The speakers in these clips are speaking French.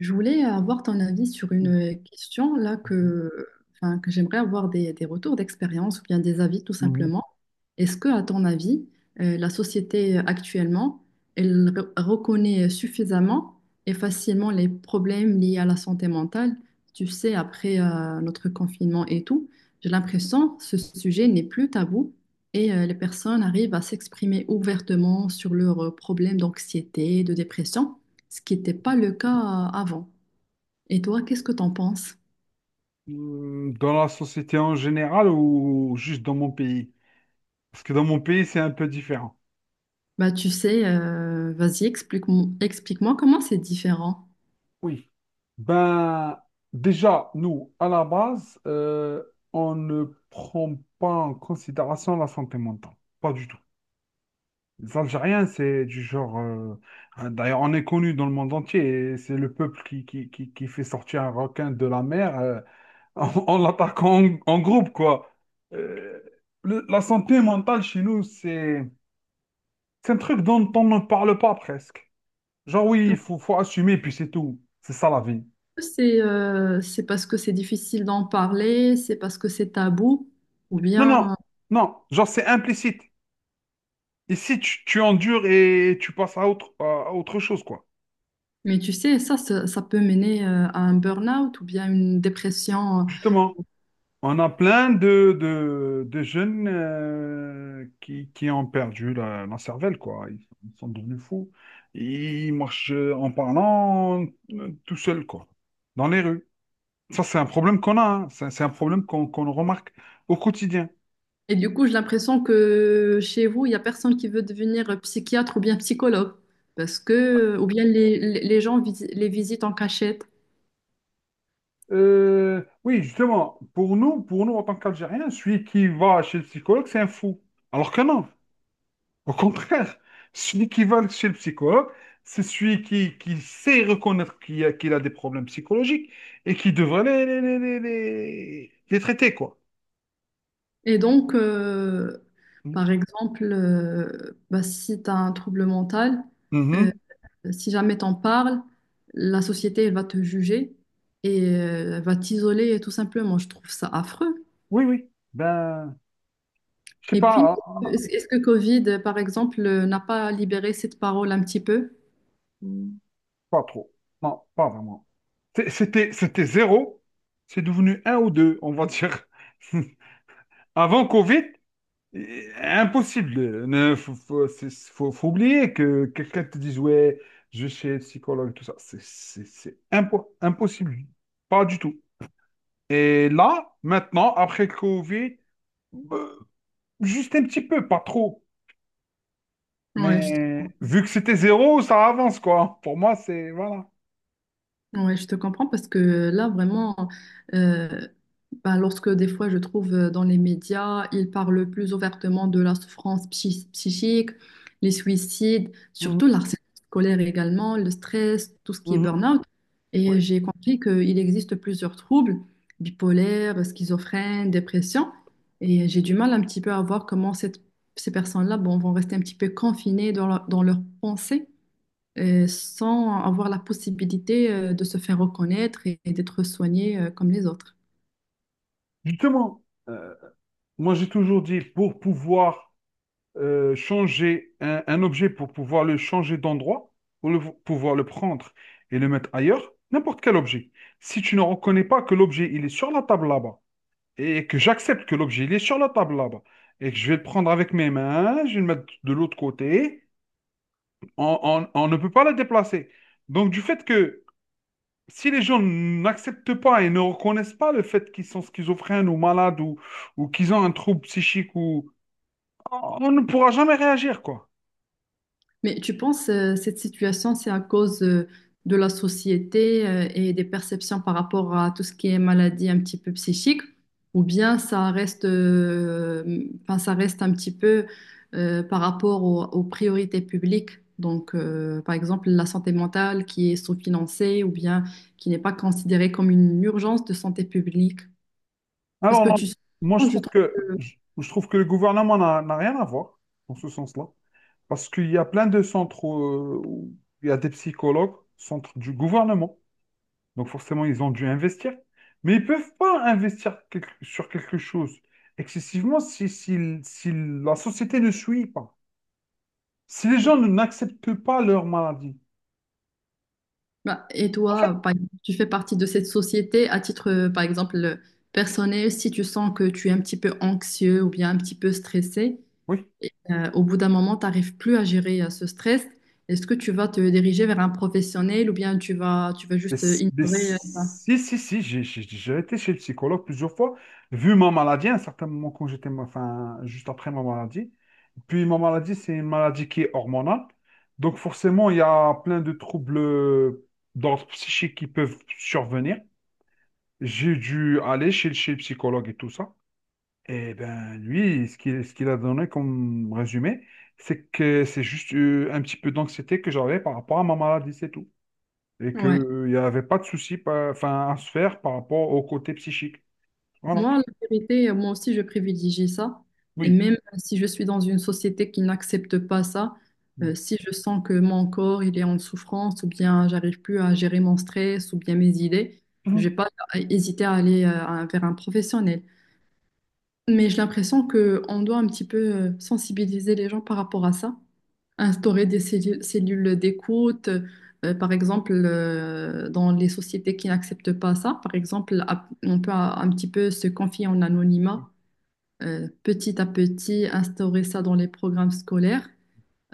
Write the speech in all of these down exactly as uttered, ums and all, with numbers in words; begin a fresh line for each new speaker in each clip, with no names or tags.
Je voulais avoir ton avis sur une question là
Mhm.
que, enfin, que j'aimerais avoir des, des retours d'expérience ou bien des avis tout
Mhm.
simplement. Est-ce que, à ton avis, euh, la société euh, actuellement, elle re- reconnaît suffisamment et facilement les problèmes liés à la santé mentale? Tu sais, après euh, notre confinement et tout, j'ai l'impression que ce sujet n'est plus tabou et euh, les personnes arrivent à s'exprimer ouvertement sur leurs euh, problèmes d'anxiété, de dépression, ce qui n'était pas le cas euh, avant. Et toi, qu'est-ce que t'en penses?
Hmm, Dans la société en général ou juste dans mon pays? Parce que dans mon pays, c'est un peu différent.
Bah, tu sais, euh, vas-y, explique-moi, explique-moi comment c'est différent.
Oui. Ben, déjà, nous, à la base, euh, on ne prend pas en considération la santé mentale. Pas du tout. Les Algériens, c'est du genre. euh, hein, d'ailleurs, on est connu dans le monde entier et c'est le peuple qui, qui, qui, qui fait sortir un requin de la mer. euh, en, en l'attaquant en, en groupe, quoi. Euh, le- la santé mentale chez nous, c'est c'est un truc dont on ne parle pas presque. Genre, oui, il
Parce
faut, faut assumer, puis c'est tout. C'est ça la vie.
que c'est euh, c'est parce que c'est difficile d'en parler, c'est parce que c'est tabou, ou
Non, non,
bien.
non, genre, c'est implicite. Ici, tu, tu endures et tu passes à autre, à autre chose, quoi.
Mais tu sais, ça, ça, ça peut mener euh, à un burn-out ou bien une dépression.
Justement, on a plein de, de, de jeunes euh, qui, qui ont perdu la, la cervelle, quoi. Ils, ils sont devenus fous. Ils marchent en parlant euh, tout seuls, quoi, dans les rues. Ça, c'est un problème qu'on a, hein. C'est c'est un problème qu'on qu'on remarque au quotidien.
Et du coup, j'ai l'impression que chez vous, il n'y a personne qui veut devenir psychiatre ou bien psychologue. Parce que, ou bien les, les les gens vis- les visitent en cachette.
Euh, oui, justement, pour nous, pour nous, en tant qu'Algériens, celui qui va chez le psychologue, c'est un fou. Alors que non. Au contraire, celui qui va chez le psychologue, c'est celui qui, qui sait reconnaître qu'il a, qu'il a des problèmes psychologiques et qui devrait les, les, les, les, les- les traiter, quoi.
Et donc, euh,
Mm.
par exemple, euh, bah, si tu as un trouble mental, euh,
Mhm.
si jamais t'en parles, la société elle va te juger et euh, elle va t'isoler tout simplement. Je trouve ça affreux.
Oui, oui. Ben, je sais
Et puis,
pas, hein.
est-ce est-ce que Covid, par exemple, euh, n'a pas libéré cette parole un petit peu?
Mm. Pas trop. Non, pas vraiment. C'est- C'était, c'était zéro. C'est devenu un ou deux, on va dire. Avant Covid, Et- impossible. Ne, faut, faut, c'est- faut- faut oublier que quelqu'un te dise, ouais, je vais chez le psychologue, tout ça. C'est c'est- c'est impo- impossible. Pas du tout. Et là, maintenant, après le Covid, euh, juste un petit peu, pas trop.
Oui, je
Mais vu que c'était zéro, ça avance, quoi. Pour moi, c'est... Voilà.
Ouais, je te comprends parce que là, vraiment, euh, bah, lorsque des fois je trouve euh, dans les médias, ils parlent plus ouvertement de la souffrance psy- psychique, les suicides,
Mhm,
surtout le harcèlement scolaire également, le stress, tout ce qui est
mhm.
burn-out. Et
Ouais.
j'ai compris qu'il existe plusieurs troubles, bipolaire, schizophrène, dépression. Et j'ai du mal un petit peu à voir comment cette- ces personnes-là bon, vont rester un petit peu confinées dans leur, dans leurs pensées euh, sans avoir la possibilité euh, de se faire reconnaître et, et d'être soigné euh, comme les autres.
Justement, euh, moi, j'ai toujours dit, pour pouvoir euh, changer un, un objet pour pouvoir le changer d'endroit ou le, pouvoir le prendre et le mettre ailleurs, n'importe quel objet. Si tu ne reconnais pas que l'objet il est sur la table là-bas et que j'accepte que l'objet il est sur la table là-bas et que je vais le prendre avec mes mains, je vais le mettre de l'autre côté, on, on- on ne peut pas le déplacer. Donc du fait que si les gens n'acceptent pas et ne reconnaissent pas le fait qu'ils sont schizophrènes ou malades ou, ou qu'ils ont un trouble psychique ou on on ne pourra jamais réagir quoi.
Mais tu penses euh, cette situation, c'est à cause euh, de la société euh, et des perceptions par rapport à tout ce qui est maladie un petit peu psychique, ou bien ça reste, euh, enfin, ça reste un petit peu euh, par rapport au- aux priorités publiques? Donc, euh, par exemple, la santé mentale qui est sous-financée ou bien qui n'est pas considérée comme une urgence de santé publique. Parce
Alors,
que
non,
tu, je
moi, je trouve que, je, je trouve que le gouvernement n'a n'a rien à voir dans ce sens-là. Parce qu'il y a plein de centres euh, où il y a des psychologues, centres du gouvernement. Donc, forcément, ils ont dû investir. Mais ils ne peuvent pas investir quelque- sur quelque chose excessivement si, si, si la société ne suit pas. Si les gens ne- n'acceptent pas leur maladie.
Bah, et
En fait,
toi, par exemple, tu fais partie de cette société à titre, euh, par exemple, euh, personnel, si tu sens que tu es un petit peu anxieux ou bien un petit peu stressé,
oui.
et, euh, au bout d'un moment, tu n'arrives plus à gérer euh, ce stress, est-ce que tu vas te diriger vers un professionnel ou bien tu vas, tu vas
Mais,
juste euh,
s- mais
ignorer euh, ça?
si, si, si, j'ai j'ai- j'ai été chez le psychologue plusieurs fois, vu ma maladie, à un certain moment, quand j'étais, ma- enfin, juste après ma maladie. Puis ma maladie, c'est une maladie qui est hormonale. Donc forcément, il y a plein de troubles d'ordre psychique qui peuvent survenir. J'ai dû aller chez, le- chez le psychologue et tout ça. Et ben lui, ce qu'il ce qu'il a donné comme résumé, c'est que c'est juste euh, un petit peu d'anxiété que j'avais par rapport à ma maladie, c'est tout et
Ouais.
qu'il n'y avait pas de souci pa- enfin, à se faire par rapport au côté psychique. Voilà.
Moi, la vérité, euh, moi aussi, je privilégie ça. Et
Oui.
même euh, si je suis dans une société qui n'accepte pas ça, euh, si je sens que mon corps, il est en souffrance, ou bien j'arrive plus à gérer mon stress, ou bien mes idées, je
Mhm.
vais pas euh, hésiter à aller euh, à- vers un professionnel. Mais j'ai l'impression que on doit un petit peu euh, sensibiliser les gens par rapport à ça, instaurer des cellu- cellules d'écoute, euh, par exemple, euh, dans les sociétés qui n'acceptent pas ça, par exemple, à- on peut un un petit peu se confier en anonymat, euh, petit à petit, instaurer ça dans les programmes scolaires,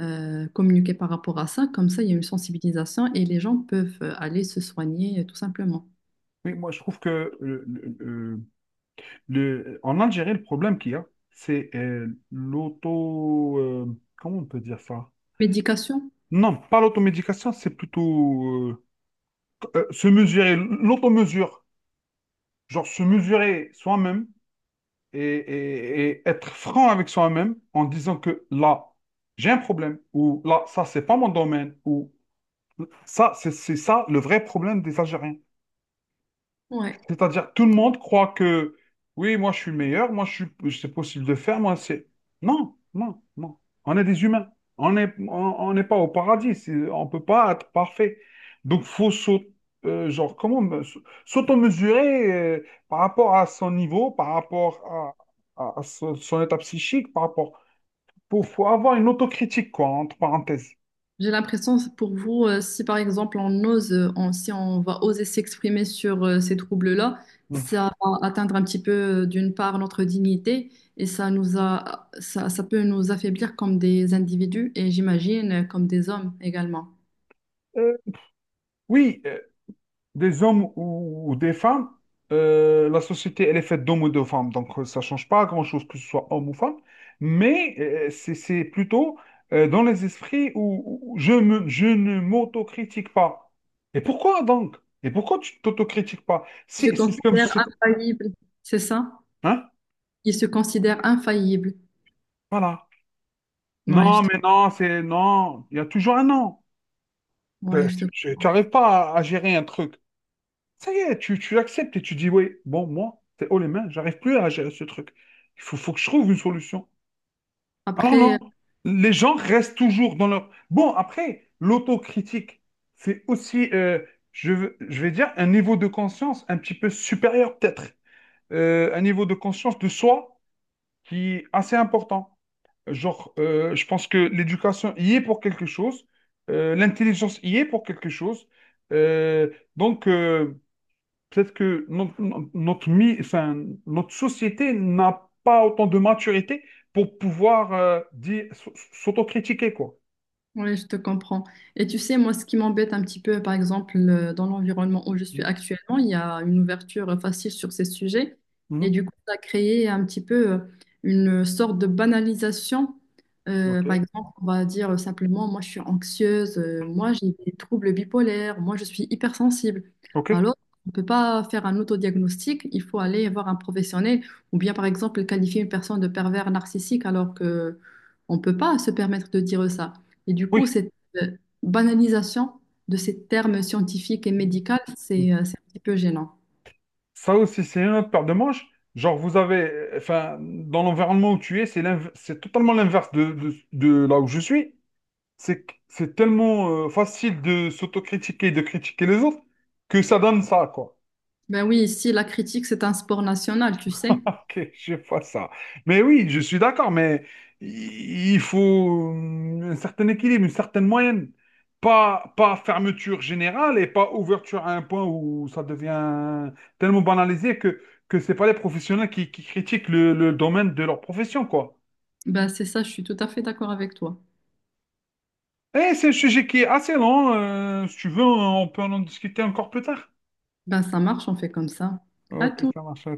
euh, communiquer par rapport à ça, comme ça, il y a une sensibilisation et les gens peuvent euh, aller se soigner euh, tout simplement.
Oui, moi, je trouve que euh, le- le- le- en Algérie, le problème qu'il y a, c'est euh, l'auto... euh, comment on peut dire ça?
Médication?
Non, pas l'automédication, c'est plutôt euh, euh, se mesurer, l'automesure. Genre se mesurer soi-même et, et- et être franc avec soi-même en disant que là, j'ai un problème, ou là, ça, c'est pas mon domaine, ou ça, c'est c'est ça le vrai problème des Algériens.
Ouais.
C'est-à-dire, tout le monde croit que, oui, moi je suis meilleur, moi je suis, c'est possible de faire, moi c'est. Non, non, non. On est des humains. On n'est on, on n'est pas au paradis. c'est- On ne peut pas être parfait. Donc, faut s'au- euh, genre, comment me- s'auto-mesurer euh, par rapport à son niveau, par rapport à, à- à son, son état psychique, par rapport. Faut, faut avoir une autocritique, quoi, entre parenthèses.
J'ai l'impression, c'est pour vous, euh, si par exemple on ose, euh, on- si on va oser s'exprimer sur euh, ces troubles-là,
Mm.
ça va atteindre un petit peu euh, d'une part notre dignité et ça nous a, ça, ça peut nous affaiblir comme des individus et j'imagine euh, comme des hommes également.
Euh, oui, euh, des hommes ou, ou des femmes, euh, la société, elle est faite d'hommes ou de femmes, donc euh, ça change pas grand-chose que ce soit homme ou femme, mais euh, c'est c'est plutôt euh, dans les esprits où, où je me, je ne m'autocritique pas. Et pourquoi donc? Et pourquoi tu t'autocritiques pas?
Ils se
Si, si c'est comme,
considèrent
c'est comme-
infaillibles, c'est ça?
hein?
Ils se considèrent infaillibles.
Voilà.
Ouais, je
Non,
te,
mais non, c'est non. Il y a toujours un non.
ouais,
Euh,
je te-
tu n'arrives pas à, à gérer un truc. Ça y est, tu, tu acceptes et tu dis, oui, bon, moi, c'est haut les mains, j'arrive plus à gérer ce truc. Il faut, faut que je trouve une solution. Alors
Après,
non, les gens restent toujours dans leur... Bon, après, l'autocritique, c'est aussi, euh, je, veux- je vais dire, un niveau de conscience un petit peu supérieur peut-être. Euh, un niveau de conscience de soi qui est assez important. Genre, euh, je pense que l'éducation y est pour quelque chose, euh, l'intelligence y est pour quelque chose. Euh, donc... euh, Peut-être que notre, notre, mi- enfin, notre société n'a pas autant de maturité pour pouvoir euh, dire- s- s'autocritiquer, quoi.
Oui, je te comprends. Et tu sais, moi, ce qui m'embête un petit peu, par exemple, euh, dans l'environnement où je suis
Mm.
actuellement, il y a une ouverture facile sur ces sujets. Et
Mhm.
du coup, ça a créé un petit peu euh, une sorte de banalisation. Euh,
Ok.
par exemple, on va dire simplement, moi, je suis anxieuse, euh, moi, j'ai des troubles bipolaires, moi, je suis hypersensible.
OK?
Alors, on ne peut pas faire un autodiagnostic, il faut aller voir un professionnel ou bien, par exemple, qualifier une personne de pervers narcissique alors que on ne peut pas se permettre de dire ça. Et du coup,
Oui.
cette euh, banalisation de ces termes scientifiques et
Mm.
médicaux, c'est euh, c'est un petit peu gênant.
Ça aussi, c'est une autre paire de manches. Genre, vous avez, euh, enfin, dans l'environnement où tu es, c'est l'inv- c'est totalement l'inverse de, de- de là où je suis. C'est que- c'est tellement euh, facile de s'autocritiquer, de critiquer les autres, que ça donne ça, quoi.
Ben oui, ici, la critique, c'est un sport national, tu sais.
Ok, je vois ça. Mais oui, je suis d'accord, mais i- il faut euh, un certain équilibre, une certaine moyenne. Pas, pas fermeture générale et pas ouverture à un point où ça devient tellement banalisé que, que c'est pas les professionnels qui, qui critiquent le, le domaine de leur profession, quoi.
Ben c'est ça, je suis tout à fait d'accord avec toi.
Et c'est un sujet qui est assez long. Euh, si tu veux, on peut en discuter encore plus tard.
Ben ça marche, on fait comme ça. À
Ok,
tout.
ça marche. À la